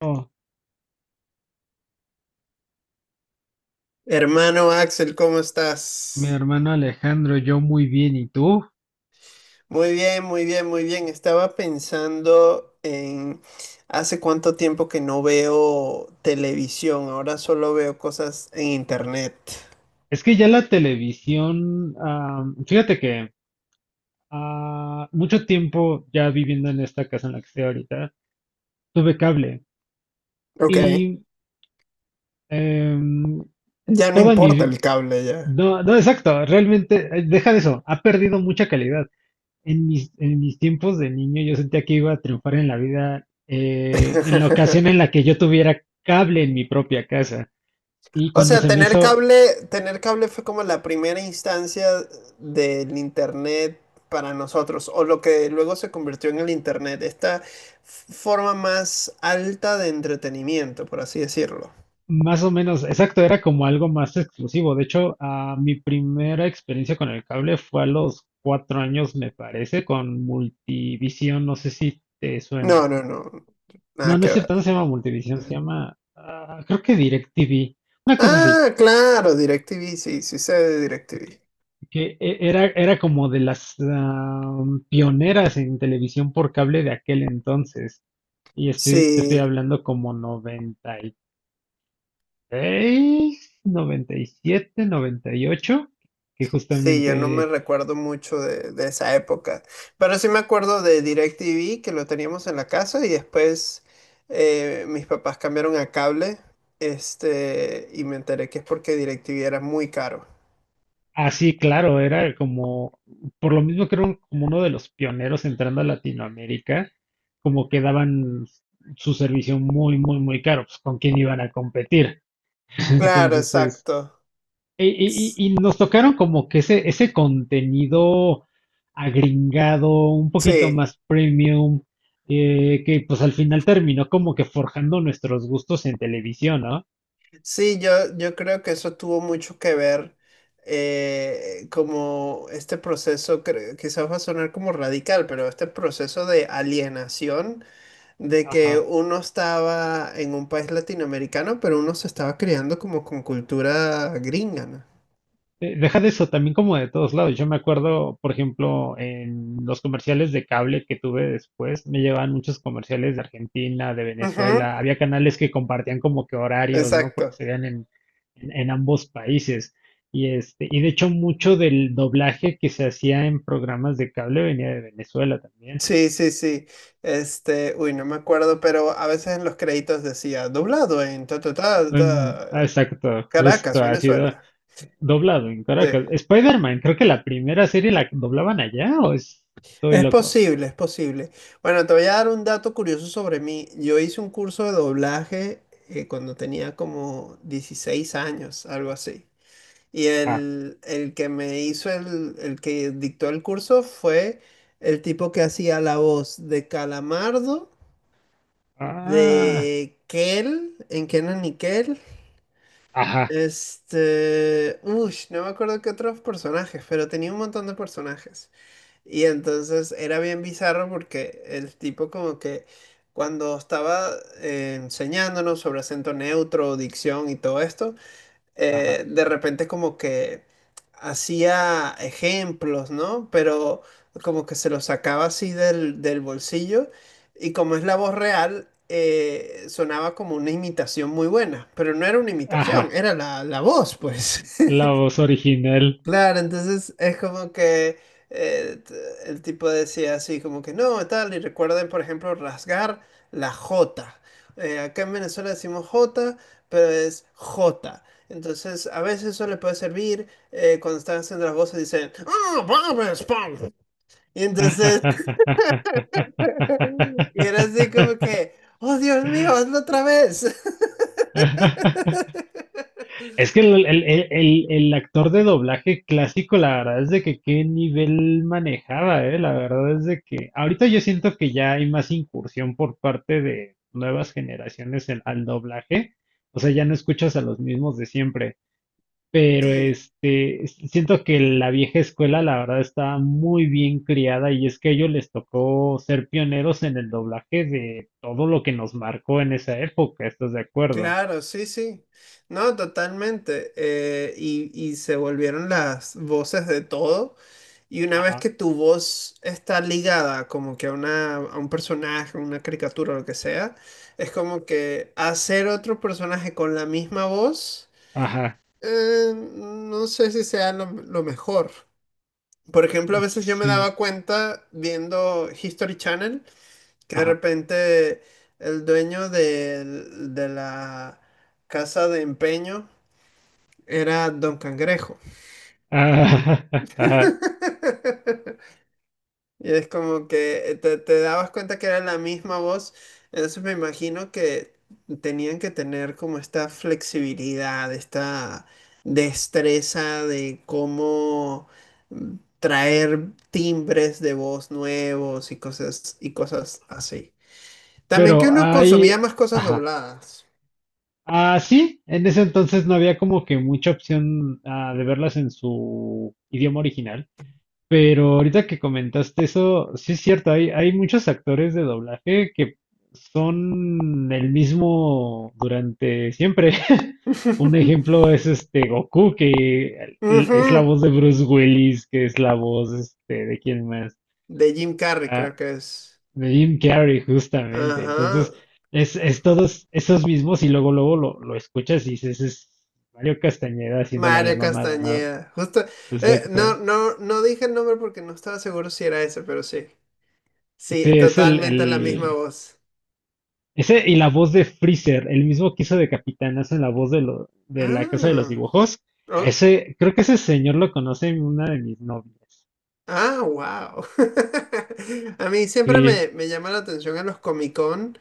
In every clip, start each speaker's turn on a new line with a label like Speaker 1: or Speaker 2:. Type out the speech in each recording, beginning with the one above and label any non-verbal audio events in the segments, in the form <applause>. Speaker 1: Oh,
Speaker 2: Hermano Axel, ¿cómo
Speaker 1: mi
Speaker 2: estás?
Speaker 1: hermano Alejandro, yo muy bien, ¿y tú?
Speaker 2: Muy bien, muy bien, muy bien. Estaba pensando en hace cuánto tiempo que no veo televisión, ahora solo veo cosas en internet.
Speaker 1: Es que ya la televisión, fíjate que mucho tiempo ya viviendo en esta casa en la que estoy ahorita, tuve cable
Speaker 2: Ok.
Speaker 1: y em,
Speaker 2: Ya no
Speaker 1: toda mi
Speaker 2: importa el cable ya.
Speaker 1: no, no, exacto, realmente, deja de eso, ha perdido mucha calidad. En mis tiempos de niño yo sentía que iba a triunfar en la vida en la ocasión en
Speaker 2: <laughs>
Speaker 1: la que yo tuviera cable en mi propia casa. Y
Speaker 2: O
Speaker 1: cuando
Speaker 2: sea,
Speaker 1: se me hizo,
Speaker 2: tener cable fue como la primera instancia del internet para nosotros, o lo que luego se convirtió en el internet, esta forma más alta de entretenimiento, por así decirlo.
Speaker 1: más o menos, exacto, era como algo más exclusivo. De hecho, mi primera experiencia con el cable fue a los cuatro años, me parece, con Multivisión. No sé si te
Speaker 2: No,
Speaker 1: suena.
Speaker 2: no, no,
Speaker 1: No,
Speaker 2: nada
Speaker 1: no
Speaker 2: que
Speaker 1: es
Speaker 2: ver.
Speaker 1: cierto, no se llama Multivisión, se llama, creo que DirecTV, una cosa así.
Speaker 2: Ah, claro, DirecTV, sí, sí sé de DirecTV.
Speaker 1: Que era, era como de las pioneras en televisión por cable de aquel entonces. Y este, te estoy
Speaker 2: Sí.
Speaker 1: hablando como noventa seis, noventa y siete, noventa y ocho, que
Speaker 2: Sí, yo no me
Speaker 1: justamente,
Speaker 2: recuerdo mucho de esa época, pero sí me acuerdo de DirecTV que lo teníamos en la casa y después mis papás cambiaron a cable, este, y me enteré que es porque DirecTV era muy caro.
Speaker 1: así claro, era como, por lo mismo que era como uno de los pioneros entrando a Latinoamérica, como que daban su servicio muy, muy, muy caro, pues con quién iban a competir. <laughs>
Speaker 2: Claro,
Speaker 1: Entonces,
Speaker 2: exacto.
Speaker 1: y, y-
Speaker 2: S-
Speaker 1: y- y nos tocaron como que ese contenido agringado, un poquito
Speaker 2: Sí,
Speaker 1: más premium, que pues al final terminó como que forjando nuestros gustos en televisión, ¿no?
Speaker 2: sí, yo creo que eso tuvo mucho que ver como este proceso, quizás va a sonar como radical, pero este proceso de alienación de que
Speaker 1: Ajá.
Speaker 2: uno estaba en un país latinoamericano, pero uno se estaba criando como con cultura gringa, ¿no?
Speaker 1: Deja de eso, también como de todos lados. Yo me acuerdo, por ejemplo, en los comerciales de cable que tuve después, me llevaban muchos comerciales de Argentina, de
Speaker 2: Ujú.
Speaker 1: Venezuela. Había canales que compartían como que horarios, ¿no? Porque
Speaker 2: Exacto.
Speaker 1: se veían en ambos países. Y este, y de hecho, mucho del doblaje que se hacía en programas de cable venía de Venezuela también.
Speaker 2: Sí, sí, sí. Este, uy, no me acuerdo, pero a veces en los créditos decía doblado en ta, ta, ta, ta,
Speaker 1: Exacto, justo,
Speaker 2: Caracas,
Speaker 1: ha sido
Speaker 2: Venezuela.
Speaker 1: doblado en
Speaker 2: Sí.
Speaker 1: Caracas. Spider-Man, creo que la primera serie la doblaban allá, o estoy
Speaker 2: Es
Speaker 1: loco.
Speaker 2: posible, es posible. Bueno, te voy a dar un dato curioso sobre mí. Yo hice un curso de doblaje cuando tenía como 16 años, algo así. Y el que me hizo el que dictó el curso fue el tipo que hacía la voz de Calamardo,
Speaker 1: Ah,
Speaker 2: de Kel, en Kenan y Kel.
Speaker 1: ajá,
Speaker 2: Este, uy, no me acuerdo qué otros personajes, pero tenía un montón de personajes. Y entonces era bien bizarro porque el tipo como que cuando estaba enseñándonos sobre acento neutro, dicción y todo esto,
Speaker 1: ajá,
Speaker 2: de repente como que hacía ejemplos, ¿no? Pero como que se los sacaba así del bolsillo y como es la voz real, sonaba como una imitación muy buena, pero no era una imitación,
Speaker 1: ajá.
Speaker 2: era la voz, pues.
Speaker 1: La voz original.
Speaker 2: Claro, entonces es como que eh, t- el tipo decía así, como que no, tal, y recuerden, por ejemplo, rasgar la J. Acá en Venezuela decimos J, pero es J. Entonces, a veces eso le puede servir cuando están haciendo las voces, dicen, "¡Ah, babes, pam!". Y entonces, <laughs> y era así como que,
Speaker 1: <laughs>
Speaker 2: ¡Oh, Dios mío, hazlo otra vez!
Speaker 1: Es que
Speaker 2: <laughs>
Speaker 1: el actor de doblaje clásico, la verdad es de que qué nivel manejaba, La verdad es de que ahorita yo siento que ya hay más incursión por parte de nuevas generaciones al doblaje. O sea, ya no escuchas a los mismos de siempre. Pero
Speaker 2: Sí.
Speaker 1: este, siento que la vieja escuela, la verdad, estaba muy bien criada y es que a ellos les tocó ser pioneros en el doblaje de todo lo que nos marcó en esa época, ¿estás de acuerdo?
Speaker 2: Claro, sí, sí. No, totalmente. Y se volvieron las voces de todo. Y una vez
Speaker 1: Ajá,
Speaker 2: que tu voz está ligada como que a a un personaje, una caricatura, lo que sea, es como que hacer otro personaje con la misma voz,
Speaker 1: ajá,
Speaker 2: no sé si sea lo mejor. Por ejemplo, a veces yo me
Speaker 1: sí,
Speaker 2: daba cuenta viendo History Channel que de
Speaker 1: ajá,
Speaker 2: repente el dueño la casa de empeño era Don Cangrejo.
Speaker 1: ajá, <laughs> ajá.
Speaker 2: <laughs> Y es como que te dabas cuenta que era la misma voz. Entonces me imagino que tenían que tener como esta flexibilidad, esta destreza de cómo traer timbres de voz nuevos y cosas así. También que
Speaker 1: Pero
Speaker 2: uno
Speaker 1: ahí,
Speaker 2: consumía más cosas
Speaker 1: ajá.
Speaker 2: dobladas.
Speaker 1: Ah, sí, en ese entonces no había como que mucha opción de verlas en su idioma original. Pero ahorita que comentaste eso, sí es cierto, hay muchos actores de doblaje que son el mismo durante siempre. <laughs> Un
Speaker 2: <laughs>
Speaker 1: ejemplo es este Goku, que es la
Speaker 2: Ujú.
Speaker 1: voz de Bruce Willis, que es la voz este, de quién más.
Speaker 2: De Jim Carrey,
Speaker 1: Ah,
Speaker 2: creo que es.
Speaker 1: de Jim Carrey, justamente.
Speaker 2: Ajá.
Speaker 1: Entonces, es todos esos mismos y luego luego lo escuchas y dices, es Mario Castañeda haciéndole a la
Speaker 2: Mario
Speaker 1: mamada, ¿no?
Speaker 2: Castañeda. Justo. Eh, no,
Speaker 1: Exacto.
Speaker 2: no, no dije el nombre porque no estaba seguro si era ese, pero sí. Sí,
Speaker 1: Sí, es
Speaker 2: totalmente la misma voz.
Speaker 1: ese y la voz de Freezer, el mismo que hizo de Capitanazo en la voz de, de la Casa de los
Speaker 2: Ah.
Speaker 1: Dibujos. A
Speaker 2: Oh,
Speaker 1: ese, creo que ese señor lo conoce una de mis novias.
Speaker 2: ah, wow. <laughs> A mí siempre
Speaker 1: Sí,
Speaker 2: me llama la atención en los Comic Con,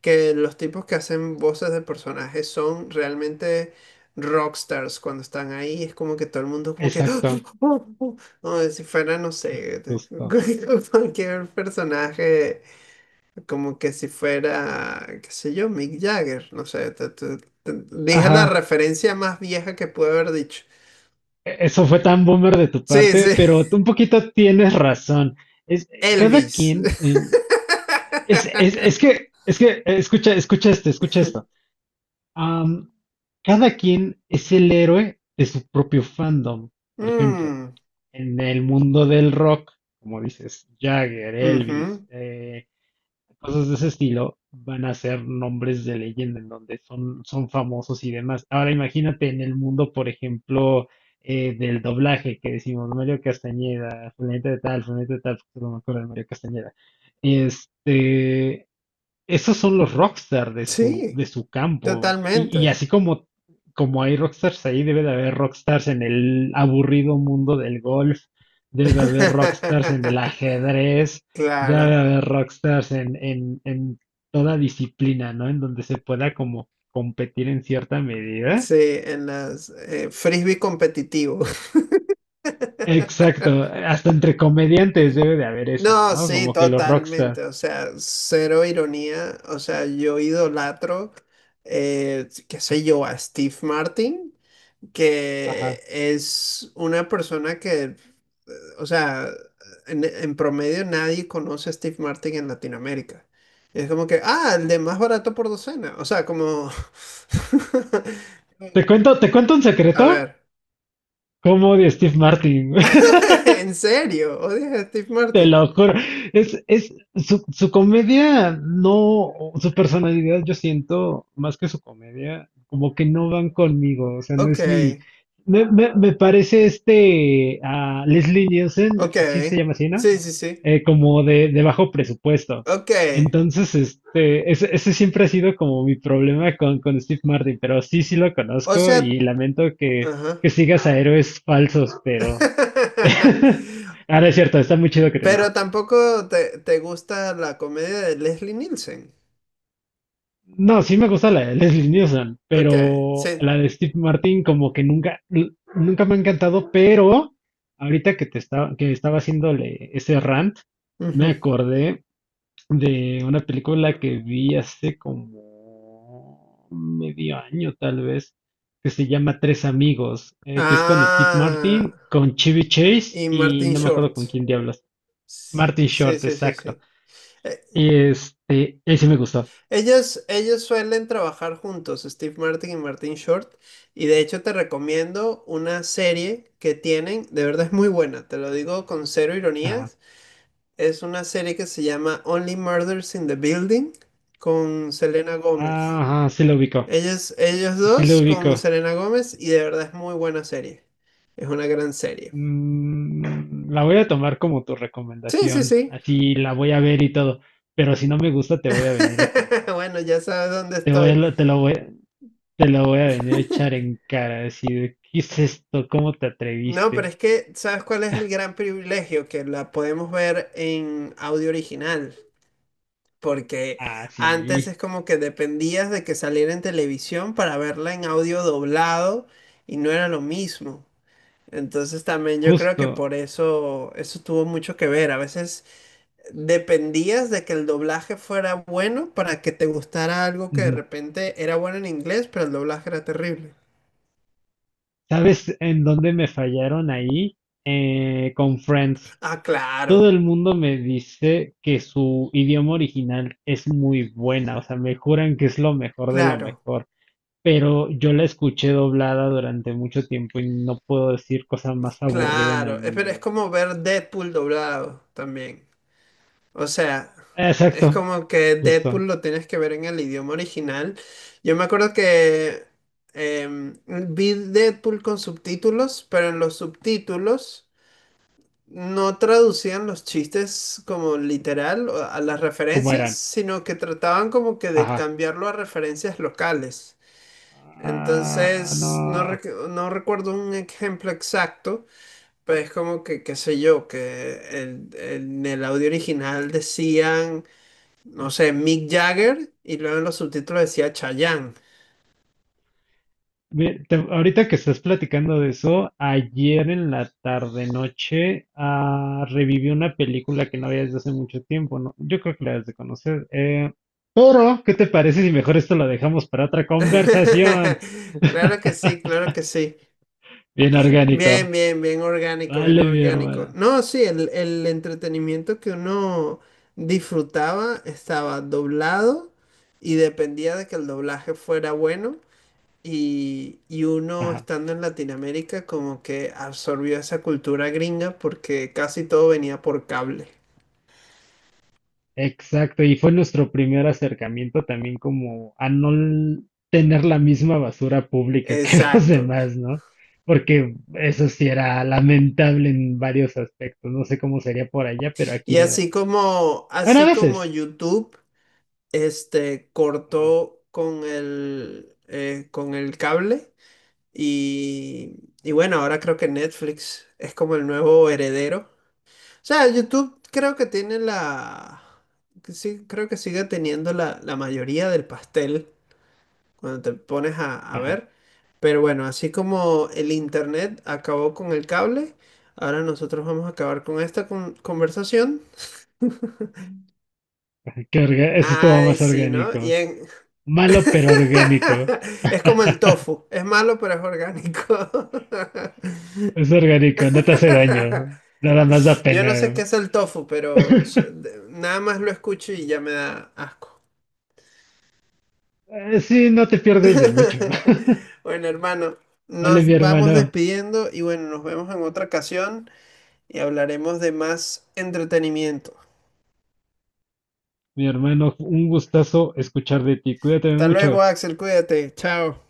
Speaker 2: que los tipos que hacen voces de personajes son realmente rockstars cuando están ahí. Es como que todo el mundo como que...
Speaker 1: exacto,
Speaker 2: <laughs> <gasps> como si fuera, no sé,
Speaker 1: justo.
Speaker 2: <laughs> cualquier personaje, como que si fuera, qué sé yo, Mick Jagger, no sé. Dije la
Speaker 1: Ajá,
Speaker 2: referencia más vieja que pude haber dicho.
Speaker 1: eso fue tan boomer de tu parte,
Speaker 2: Sí, sí,
Speaker 1: pero tú un poquito tienes razón. Es,
Speaker 2: <laughs>
Speaker 1: cada
Speaker 2: Elvis.
Speaker 1: quien,
Speaker 2: <laughs>
Speaker 1: escucha, escucha esto. Am, cada quien es el héroe de su propio fandom, por ejemplo.
Speaker 2: Mm.
Speaker 1: En el mundo del rock, como dices, Jagger, Elvis,
Speaker 2: Ujú.
Speaker 1: cosas de ese estilo, van a ser nombres de leyenda en donde son, son famosos y demás. Ahora imagínate en el mundo, por ejemplo, del doblaje que decimos Mario Castañeda, fulanita de tal, porque no me acuerdo de Mario Castañeda. Este, esos son los rockstar de su,
Speaker 2: Sí,
Speaker 1: de su campo. Y
Speaker 2: totalmente.
Speaker 1: así como, como hay rockstars ahí, debe de haber rockstars en el aburrido mundo del golf, debe de haber rockstars en el
Speaker 2: <laughs>
Speaker 1: ajedrez, debe de
Speaker 2: Claro,
Speaker 1: haber rockstars en toda disciplina, ¿no? En donde se pueda como competir en cierta medida.
Speaker 2: sí, en las frisbee competitivo.
Speaker 1: Exacto,
Speaker 2: <laughs>
Speaker 1: hasta entre comediantes debe de haber eso,
Speaker 2: No,
Speaker 1: ¿no?
Speaker 2: sí,
Speaker 1: Como que los rockstars.
Speaker 2: totalmente. O sea, cero ironía. O sea, yo idolatro, qué sé yo, a Steve Martin, que
Speaker 1: Ajá,
Speaker 2: es una persona que, o sea, en promedio nadie conoce a Steve Martin en Latinoamérica. Es como que, ah, el
Speaker 1: ajá.
Speaker 2: de más barato por docena. O sea, como... <laughs>
Speaker 1: Te cuento un
Speaker 2: A
Speaker 1: secreto?
Speaker 2: ver.
Speaker 1: ¿Cómo odio a Steve Martin? <laughs>
Speaker 2: <laughs> ¿En serio? ¿Odias a Steve
Speaker 1: Te
Speaker 2: Martin?
Speaker 1: lo juro. Su comedia, no, su personalidad, yo siento, más que su comedia, como que no van conmigo. O sea, no
Speaker 2: Ok,
Speaker 1: es mi. Me parece este a Leslie Nielsen,
Speaker 2: ok.
Speaker 1: sí se llama así, ¿no?
Speaker 2: Sí, sí, sí.
Speaker 1: Como de bajo presupuesto.
Speaker 2: Ok.
Speaker 1: Entonces, este, ese siempre ha sido como mi problema con Steve Martin, pero sí, sí lo
Speaker 2: O
Speaker 1: conozco
Speaker 2: sea,
Speaker 1: y lamento
Speaker 2: ajá.
Speaker 1: que sigas a héroes falsos, pero. <laughs>
Speaker 2: <laughs>
Speaker 1: Ahora es cierto, está muy chido que te
Speaker 2: Pero tampoco te gusta la comedia de Leslie Nielsen.
Speaker 1: no, sí me gusta la de Leslie Nielsen,
Speaker 2: Ok,
Speaker 1: pero
Speaker 2: sí.
Speaker 1: la de Steve Martin como que nunca, nunca me ha encantado, pero ahorita que te estaba, que estaba haciéndole ese rant, me
Speaker 2: Ujú.
Speaker 1: acordé de una película que vi hace como medio año tal vez, que se llama Tres Amigos, que es con Steve
Speaker 2: Ah,
Speaker 1: Martin, con Chevy Chase
Speaker 2: y
Speaker 1: y
Speaker 2: Martin
Speaker 1: no me acuerdo
Speaker 2: Short.
Speaker 1: con quién diablos. Martin
Speaker 2: Sí,
Speaker 1: Short,
Speaker 2: sí, sí,
Speaker 1: exacto.
Speaker 2: sí. Eh,
Speaker 1: Y este, ese me gustó.
Speaker 2: ellos suelen trabajar juntos, Steve Martin y Martin Short. Y de hecho te recomiendo una serie que tienen, de verdad es muy buena, te lo digo con cero
Speaker 1: Ajá,
Speaker 2: ironías. Es una serie que se llama Only Murders in the Building con Selena Gómez.
Speaker 1: ajá, sí lo ubico.
Speaker 2: Ellos
Speaker 1: Sí lo
Speaker 2: dos con
Speaker 1: ubico.
Speaker 2: Selena Gómez y de verdad es muy buena serie. Es una gran serie.
Speaker 1: Mm, la voy a tomar como tu
Speaker 2: Sí, sí,
Speaker 1: recomendación.
Speaker 2: sí.
Speaker 1: Así la voy a ver y todo. Pero si no me gusta, te voy a venir a
Speaker 2: <laughs>
Speaker 1: culpar.
Speaker 2: Bueno, ya sabes dónde
Speaker 1: Te voy a-
Speaker 2: estoy.
Speaker 1: lo- te lo voy a venir a echar en cara, decir, ¿qué es esto? ¿Cómo te
Speaker 2: No, pero
Speaker 1: atreviste?
Speaker 2: es que, ¿sabes cuál es el gran privilegio? Que la podemos ver en audio original, porque
Speaker 1: Ah,
Speaker 2: antes
Speaker 1: sí,
Speaker 2: es como que dependías de que saliera en televisión para verla en audio doblado y no era lo mismo. Entonces también yo creo que
Speaker 1: justo.
Speaker 2: por eso eso tuvo mucho que ver. A veces dependías de que el doblaje fuera bueno para que te gustara algo que de
Speaker 1: Mm,
Speaker 2: repente era bueno en inglés, pero el doblaje era terrible.
Speaker 1: ¿sabes en dónde me fallaron ahí? Con Friends.
Speaker 2: Ah,
Speaker 1: Todo
Speaker 2: claro.
Speaker 1: el mundo me dice que su idioma original es muy buena, o sea, me juran que es lo mejor de lo
Speaker 2: Claro,
Speaker 1: mejor. Pero yo la escuché doblada durante mucho tiempo y no puedo decir cosa más aburrida en el
Speaker 2: claro. Pero es
Speaker 1: mundo.
Speaker 2: como ver Deadpool doblado también. O sea,
Speaker 1: Exacto,
Speaker 2: es como que
Speaker 1: justo,
Speaker 2: Deadpool lo tienes que ver en el idioma original. Yo me acuerdo que vi Deadpool con subtítulos, pero en los subtítulos no traducían los chistes como literal o a las
Speaker 1: como
Speaker 2: referencias,
Speaker 1: eran.
Speaker 2: sino que trataban como que de
Speaker 1: Ajá.
Speaker 2: cambiarlo a referencias locales.
Speaker 1: Ah,
Speaker 2: Entonces, no,
Speaker 1: no.
Speaker 2: no recuerdo un ejemplo exacto. Pero es como que, qué sé yo, que en el audio original decían, no sé, Mick Jagger y luego en los subtítulos decía Chayanne.
Speaker 1: Mira, ahorita que estás platicando de eso, ayer en la tarde-noche reviví una película que no había desde hace mucho tiempo, ¿no? Yo creo que la debes de conocer. Pero, ¿qué te parece si mejor esto lo dejamos para otra conversación?
Speaker 2: <laughs> Claro que sí, claro que sí.
Speaker 1: Bien
Speaker 2: Bien,
Speaker 1: orgánico.
Speaker 2: bien, bien orgánico, bien
Speaker 1: Vale, mi
Speaker 2: orgánico.
Speaker 1: hermana.
Speaker 2: No, sí, el entretenimiento que uno disfrutaba estaba doblado y dependía de que el doblaje fuera bueno. Y uno
Speaker 1: Ajá.
Speaker 2: estando en Latinoamérica como que absorbió esa cultura gringa porque casi todo venía por cable.
Speaker 1: Exacto, y fue nuestro primer acercamiento también como a no tener la misma basura pública que <laughs> los
Speaker 2: Exacto.
Speaker 1: demás, ¿no? Porque eso sí era lamentable en varios aspectos. No sé cómo sería por allá, pero aquí
Speaker 2: Y
Speaker 1: lo era. Bueno, a
Speaker 2: así como
Speaker 1: veces.
Speaker 2: YouTube, este,
Speaker 1: Ajá,
Speaker 2: cortó con con el cable y bueno, ahora creo que Netflix es como el nuevo heredero. O sea, YouTube creo que tiene la, que sí, creo que sigue teniendo la, la mayoría del pastel cuando te pones a
Speaker 1: ajá.
Speaker 2: ver. Pero bueno, así como el internet acabó con el cable, ahora nosotros vamos a acabar con esta conversación.
Speaker 1: <laughs> Eso estuvo
Speaker 2: Ay,
Speaker 1: más
Speaker 2: sí, ¿no?
Speaker 1: orgánico. Malo, pero orgánico.
Speaker 2: <laughs> Es como el
Speaker 1: <laughs>
Speaker 2: tofu, es malo pero es orgánico.
Speaker 1: Es orgánico, no te hace daño. Nada más da
Speaker 2: <laughs> Yo no sé
Speaker 1: pena.
Speaker 2: qué es el tofu, pero
Speaker 1: <laughs>
Speaker 2: nada más lo escucho y ya me da asco.
Speaker 1: Sí, no te pierdes de mucho.
Speaker 2: <laughs>
Speaker 1: <laughs>
Speaker 2: Bueno, hermano,
Speaker 1: Vale, mi
Speaker 2: nos vamos
Speaker 1: hermano.
Speaker 2: despidiendo y bueno, nos vemos en otra ocasión. Y hablaremos de más entretenimiento.
Speaker 1: Mi hermano, un gustazo escuchar de ti. Cuídate
Speaker 2: Hasta luego,
Speaker 1: mucho.
Speaker 2: Axel, cuídate, chao.